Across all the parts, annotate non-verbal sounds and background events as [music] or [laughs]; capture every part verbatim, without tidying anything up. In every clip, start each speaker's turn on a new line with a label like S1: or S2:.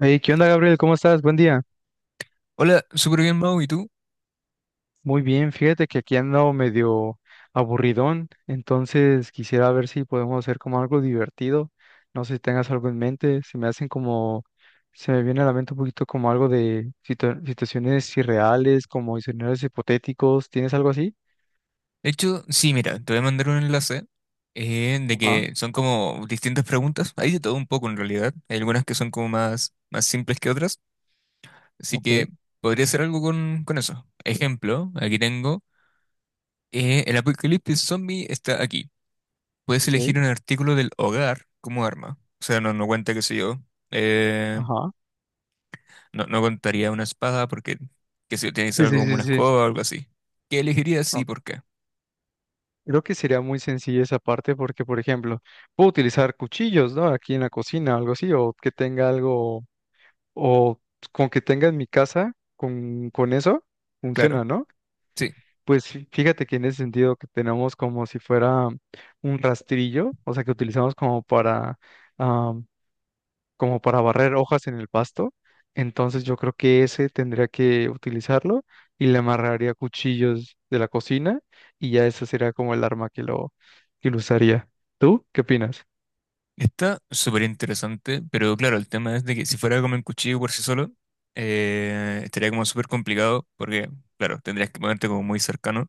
S1: Hey, ¿qué onda, Gabriel? ¿Cómo estás? Buen día.
S2: Hola, súper bien, Mau, ¿y tú?
S1: Muy bien, fíjate que aquí ando medio aburridón, entonces quisiera ver si podemos hacer como algo divertido. No sé si tengas algo en mente, se me hacen como, se me viene a la mente un poquito como algo de situa- situaciones irreales, como escenarios hipotéticos. ¿Tienes algo así?
S2: De hecho, sí, mira, te voy a mandar un enlace eh, de
S1: Ajá,
S2: que son como distintas preguntas. Hay de todo un poco en realidad. Hay algunas que son como más, más simples que otras. Así
S1: ok,
S2: que podría hacer algo con, con eso. Ejemplo, aquí tengo, eh, el apocalipsis zombie está aquí. Puedes
S1: ok,
S2: elegir un artículo del hogar como arma. O sea, no, no cuenta, qué sé yo. eh,
S1: ajá.
S2: no, no contaría una espada porque, qué sé yo, tiene que ser
S1: Sí,
S2: algo
S1: sí,
S2: como
S1: sí,
S2: una
S1: sí.
S2: escoba o algo así. ¿Qué elegirías y
S1: Ok.
S2: por qué?
S1: Creo que sería muy sencilla esa parte porque, por ejemplo, puedo utilizar cuchillos, ¿no? Aquí en la cocina, algo así, o que tenga algo o con que tenga en mi casa, con, con eso,
S2: Claro.
S1: funciona, ¿no?
S2: Sí.
S1: Pues fí- fíjate que en ese sentido que tenemos como si fuera un rastrillo, o sea, que utilizamos como para, ah, como para barrer hojas en el pasto. Entonces yo creo que ese tendría que utilizarlo y le amarraría cuchillos de la cocina y ya ese sería como el arma que lo, que lo usaría. ¿Tú qué opinas?
S2: Está súper interesante, pero claro, el tema es de que si fuera como un cuchillo por sí solo, eh, estaría como súper complicado porque, claro, tendrías que ponerte como muy cercano.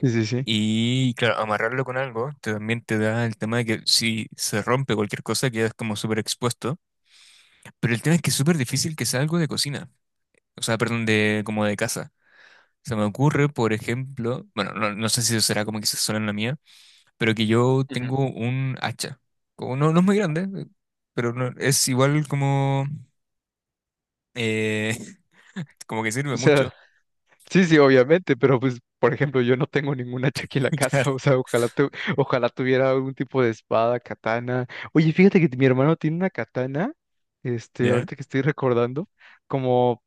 S1: Sí, sí, sí.
S2: Y claro, amarrarlo con algo te- también te da el tema de que si se rompe cualquier cosa quedas como súper expuesto. Pero el tema es que es súper difícil que sea algo de cocina, o sea, perdón, de como de casa. Se me ocurre, por ejemplo, bueno, no, no sé si eso será como que se suena en la mía, pero que yo
S1: Ujú.
S2: tengo un hacha. Como no, no es muy grande, eh, pero no- es igual como, eh, [laughs] como que sirve
S1: O
S2: mucho.
S1: sea, sí, sí, obviamente, pero pues, por ejemplo, yo no tengo ningún hacha aquí [laughs] en la
S2: [laughs] Claro,
S1: casa, o sea, ojalá, tu- ojalá tuviera algún tipo de espada, katana. Oye, fíjate que mi hermano tiene una katana, este,
S2: ya.
S1: ahorita que estoy recordando, como,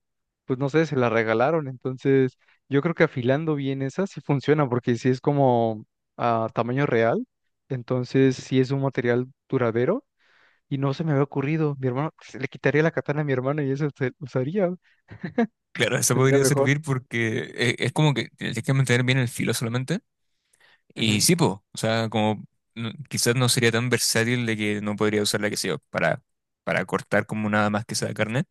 S1: pues no sé, se la regalaron, entonces yo creo que afilando bien esa sí funciona, porque si es como a tamaño real, entonces sí es un material duradero y no se me había ocurrido, mi hermano, se le quitaría la katana a mi hermano y eso se usaría,
S2: Claro, eso
S1: tendría
S2: podría
S1: mejor.
S2: servir porque eh, es, como que tienes que mantener bien el filo solamente. Y
S1: Ujú.
S2: sí, po, o sea, como no- quizás no sería tan versátil de que no podría usarla, que sea para, para cortar como nada más que sea carne,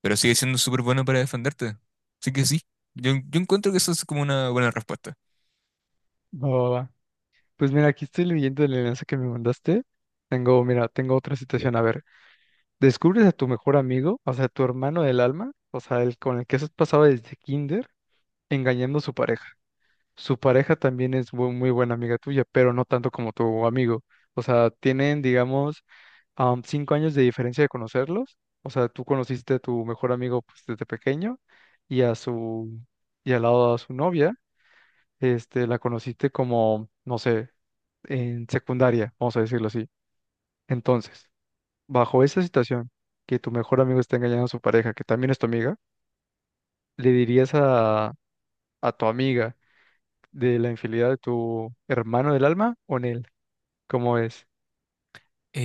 S2: pero sigue siendo súper bueno para defenderte. Así que sí, yo, yo encuentro que eso es como una buena respuesta.
S1: Va, va, va. Pues mira, aquí estoy leyendo el enlace que me mandaste. Tengo, mira, tengo otra situación. A ver, descubres a tu mejor amigo, o sea, tu hermano del alma, o sea, el con el que has pasado desde kinder, engañando a su pareja. Su pareja también es bu- muy, buena amiga tuya, pero no tanto como tu amigo. O sea, tienen, digamos, am, cinco años de diferencia de conocerlos. O sea, tú conociste a tu mejor amigo pues, desde pequeño y a su, y al lado a su novia, este, la conociste como, no sé, en secundaria, vamos a decirlo así. Entonces, bajo esa situación, que tu mejor amigo está engañando a su pareja, que también es tu amiga, ¿le dirías a, a tu amiga de la infidelidad de tu hermano del alma o en él? ¿Cómo es?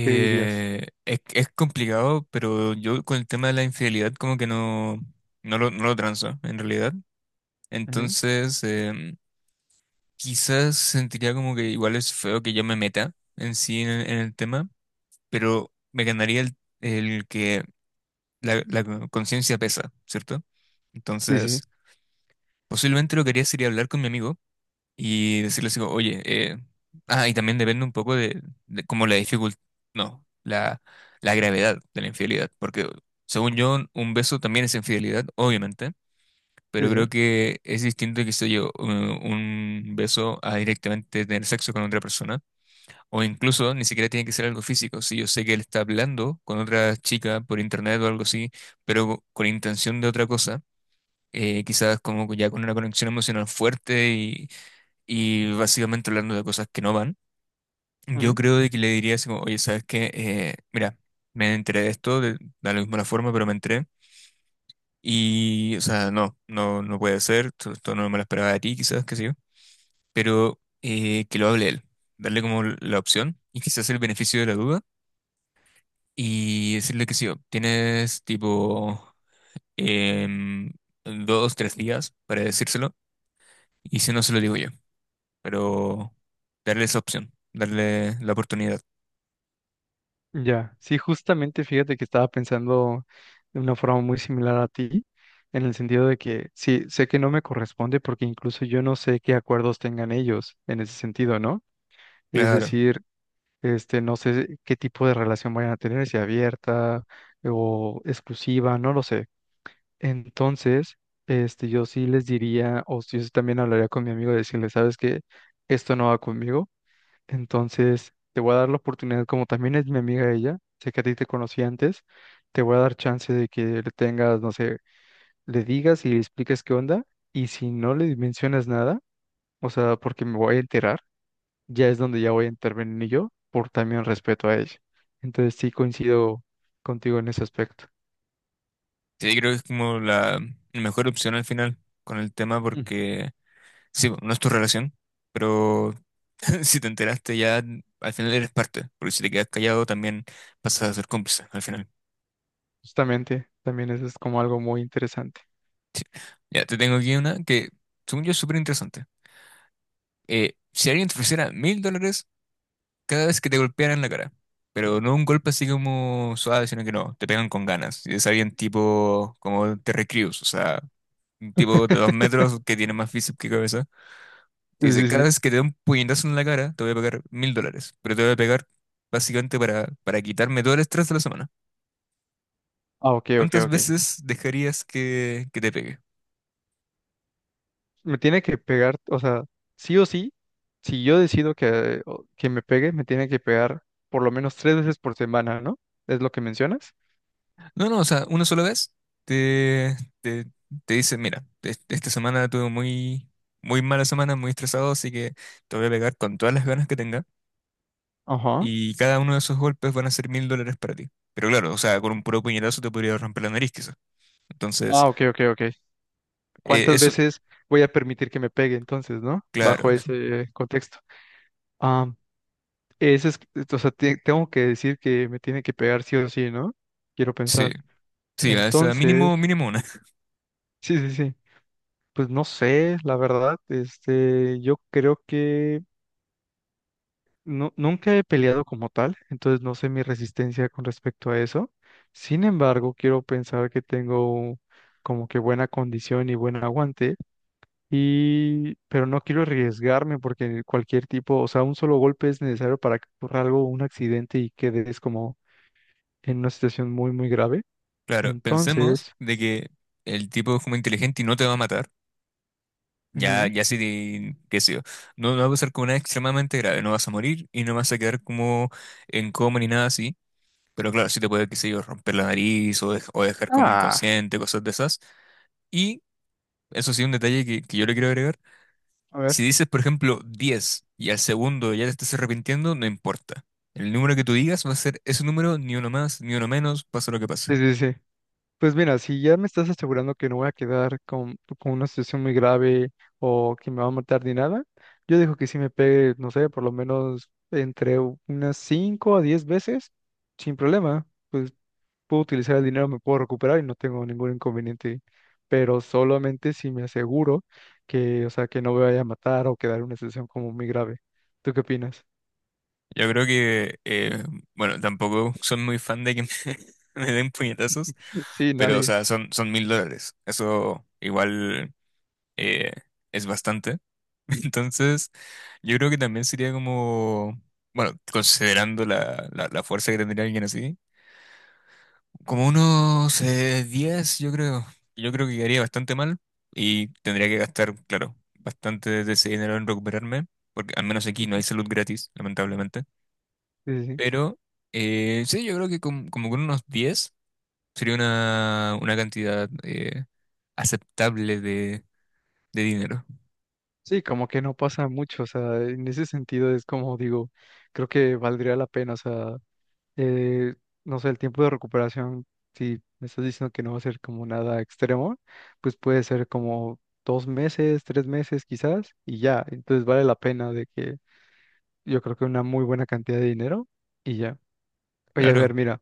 S1: ¿Qué dirías?
S2: es, es complicado, pero yo con el tema de la infidelidad como que no, no lo, no lo transo, en realidad.
S1: Ujú,
S2: Entonces, em, quizás sentiría como que igual es feo que yo me meta en sí en, el en el tema, pero me ganaría el, el que la, la conciencia pesa, ¿cierto?
S1: sí,
S2: Entonces,
S1: sí,
S2: posiblemente lo que haría sería hablar con mi amigo y decirles, digo, oye, eh, ah, y también depende un poco de, de como la dificultad, no, la, la gravedad de la infidelidad, porque según yo, un beso también es infidelidad, obviamente,
S1: sí,
S2: pero creo
S1: sí.
S2: que es distinto que sé yo, u- un beso a directamente tener sexo con otra persona, o incluso ni siquiera tiene que ser algo físico, si yo sé que él está hablando con otra chica por internet o algo así, pero con intención de otra cosa. eh, quizás como ya con una conexión emocional fuerte y básicamente hablando de cosas que no van, yo
S1: Ujú,
S2: creo de que le diría así como, oye, ¿sabes qué? Eh, mira, me enteré de esto, de, da lo mismo la forma, pero me enteré. Y, o sea, no, no, no puede ser, esto, esto no me lo esperaba de ti, quizás, qué sé yo, pero eh, que lo hable él, darle como la opción y quizás el beneficio de la duda y decirle que sí, "Oh, tienes tipo em, dos, tres días para decírselo y si no se lo digo yo, pero darle esa opción, darle la oportunidad.
S1: ya, sí, justamente fíjate que estaba pensando de una forma muy similar a ti, en el sentido de que sí, sé que no me corresponde porque incluso yo no sé qué acuerdos tengan ellos en ese sentido, ¿no? Es
S2: Claro,
S1: decir, este, no sé qué tipo de relación vayan a tener, si abierta o exclusiva, no lo sé. Entonces, este, yo sí les diría, o si yo sí también hablaría con mi amigo y decirle, sabes que esto no va conmigo, entonces te voy a dar la oportunidad, como también es mi amiga ella, sé que a ti te conocí antes, te voy a dar chance de que le tengas, no sé, le digas y le expliques qué onda, y si no le mencionas nada, o sea, porque me voy a enterar ya es donde ya voy a intervenir yo por también respeto a ella. Entonces sí coincido contigo en ese aspecto.
S2: sí, creo que es como la la mejor opción al final con el tema
S1: Ujú.
S2: porque, sí, no es tu relación, pero [laughs] si te enteraste ya, al final eres parte, porque si te quedas callado también pasas a ser cómplice al final.
S1: Justamente, también eso es como algo muy interesante.
S2: Ya, te tengo aquí una que, según yo, es súper interesante. Eh, si alguien te ofreciera mil dólares cada vez que te golpearan la cara, pero no un golpe así como suave, sino que no, te pegan con ganas, y es alguien tipo como Terry Crews, o sea, un tipo de dos
S1: [laughs]
S2: metros que tiene más físico que cabeza. Te dice,
S1: Sí, sí,
S2: cada
S1: sí.
S2: vez que te dé un puñetazo en la cara, te voy a pagar mil dólares, pero te voy a pegar básicamente para, para, quitarme todo el estrés de la semana.
S1: Ah, ok, ok,
S2: ¿Cuántas
S1: ok.
S2: veces dejarías que, que te pegue?
S1: Me tiene que pegar, o sea, sí o sí, si yo decido que, o- que me pegue, me tiene que pegar por lo menos tres veces por semana, ¿no? ¿Es lo que mencionas?
S2: No, no, o sea, una sola vez te, te, te dice, mira, es- esta semana tuve muy, muy mala semana, muy estresado, así que te voy a pegar con todas las ganas que tenga
S1: Ajá.
S2: y cada uno de esos golpes van a ser mil dólares para ti. Pero claro, o sea, con un puro puñetazo te podría romper la nariz quizás. Entonces,
S1: Ah, ok, ok, ok.
S2: eh,
S1: ¿Cuántas
S2: eso,
S1: veces voy a permitir que me pegue entonces, ¿no? Bajo
S2: claro,
S1: ese contexto. Ah, ese es, eh, o sea, te- tengo que decir que me tiene que pegar sí o sí, ¿no? Quiero
S2: sí,
S1: pensar.
S2: sí, o sea,
S1: Entonces,
S2: mínimo, mínimo una.
S1: sí, sí, sí. Pues no sé, la verdad, este, yo creo que no, nunca he peleado como tal, entonces no sé mi resistencia con respecto a eso. Sin embargo, quiero pensar que tengo como que buena condición y buen aguante, y, pero no quiero arriesgarme porque cualquier tipo, o sea, un solo golpe es necesario para que ocurra algo, un accidente y quedes como en una situación muy, muy grave.
S2: Claro, pensemos
S1: Entonces,
S2: de que el tipo es como inteligente y no te va a matar. Ya,
S1: ujú.
S2: ya sí, te- qué sé yo. No, no va a pasar como nada extremadamente grave. No vas a morir y no vas a quedar como en coma ni nada así. Pero claro, sí te puede, qué sé yo, romper la nariz o, dej- o dejar como
S1: Ah,
S2: inconsciente, cosas de esas. Y eso sí, un detalle que, que yo le quiero agregar.
S1: a ver.
S2: Si dices, por ejemplo, diez y al segundo ya te estás arrepintiendo, no importa. El número que tú digas va a ser ese número, ni uno más, ni uno menos, pasa lo que pase.
S1: Sí, sí, sí. Pues mira, si ya me estás asegurando que no voy a quedar con, con una situación muy grave o que me va a matar ni nada, yo dejo que sí me pegue, no sé, por lo menos entre u- unas cinco a diez veces, sin problema. Pues puedo utilizar el dinero, me puedo recuperar y no tengo ningún inconveniente. Pero solamente si me aseguro que, o sea, que no me vaya a matar o quedar en una situación como muy grave. ¿Tú qué opinas?
S2: Yo creo que, eh, bueno, tampoco soy muy fan de que me, [laughs] me den puñetazos,
S1: [laughs] Sí,
S2: pero, o
S1: nadie.
S2: sea, son, son mil dólares. Eso igual eh, es bastante. [laughs] Entonces, yo creo que también sería como, bueno, considerando la, la, la, fuerza que tendría alguien así, como unos eh, diez, yo creo. Yo creo que quedaría bastante mal y tendría que gastar, claro, bastante de ese dinero en recuperarme, porque al menos aquí no hay salud gratis, lamentablemente.
S1: Sí, sí, sí.
S2: Pero eh, sí, yo creo que com- como con unos diez sería una, una cantidad eh, aceptable de, de dinero.
S1: Sí, como que no pasa mucho, o sea, en ese sentido es como digo, creo que valdría la pena, o sea, eh, no sé, el tiempo de recuperación, si me estás diciendo que no va a ser como nada extremo, pues puede ser como dos meses, tres meses quizás, y ya, entonces vale la pena de que yo creo que una muy buena cantidad de dinero y ya. Oye, a
S2: Claro,
S1: ver, mira,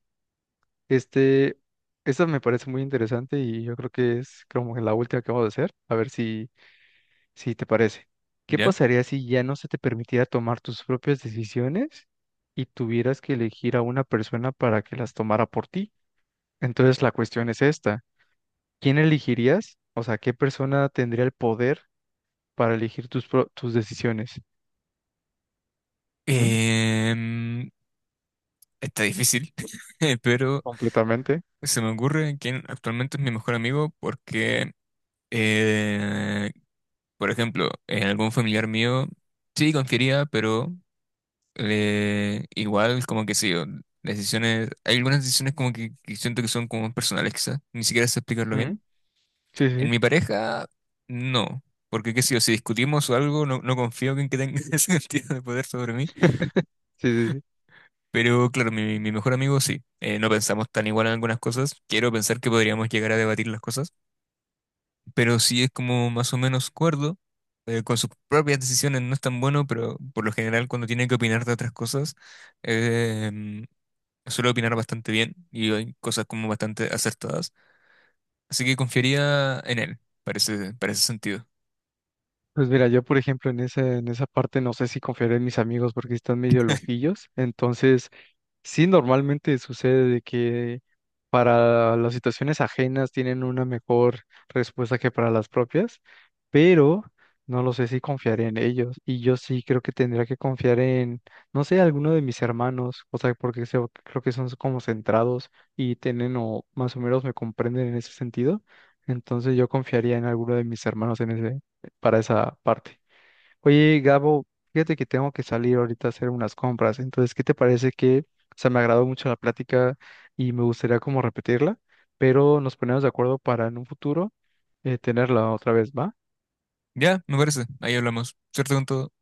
S1: este, esta me parece muy interesante y yo creo que es como la última que vamos a hacer, a ver si. Si te parece, ¿qué
S2: ¿ya?
S1: pasaría si ya no se te permitiera tomar tus propias decisiones y tuvieras que elegir a una persona para que las tomara por ti? Entonces la cuestión es esta, ¿quién elegirías? O sea, ¿qué persona tendría el poder para elegir tus, pro- tus decisiones? ¿Mm?
S2: Em, está difícil, [laughs] pero
S1: Completamente.
S2: se me ocurre quién actualmente es mi mejor amigo porque, eh, por ejemplo, en algún familiar mío sí confiaría, pero eh, igual como que sí, o decisiones, hay algunas decisiones como que, que siento que son como personales quizás, ni siquiera sé explicarlo bien.
S1: ¿Mm? Sí,
S2: En
S1: sí.
S2: mi pareja, no. Porque qué sé yo, si discutimos o algo, no, no confío en que tenga [laughs] ese sentido de poder sobre mí.
S1: Sí, [laughs] sí, sí, sí.
S2: Pero claro, mi, mi mejor amigo sí. Eh, no pensamos tan igual en algunas cosas. Quiero pensar que podríamos llegar a debatir las cosas. Pero sí es como más o menos cuerdo. eh, con sus propias decisiones no es tan bueno, pero por lo general cuando tiene que opinar de otras cosas, eh, suele opinar bastante bien y hay cosas como bastante acertadas. Así que confiaría en él, parece, para ese para ese sentido.
S1: Pues mira, yo por ejemplo en esa, en esa parte no sé si confiaré en mis amigos porque están medio loquillos, entonces sí, normalmente sucede de que para las situaciones ajenas tienen una mejor respuesta que para las propias, pero no lo sé si confiaré en ellos. Y yo sí creo que tendría que confiar en, no sé, alguno de mis hermanos, o sea, porque se- creo que son como centrados y tienen o más o menos me comprenden en ese sentido. Entonces yo confiaría en alguno de mis hermanos en ese, para esa parte. Oye, Gabo, fíjate que tengo que salir ahorita a hacer unas compras. Entonces, ¿qué te parece que, o sea, me agradó mucho la plática y me gustaría como repetirla, pero nos ponemos de acuerdo para en un futuro eh, tenerla otra vez, ¿va?
S2: Ya, me parece. Ahí hablamos. Cierto con todo.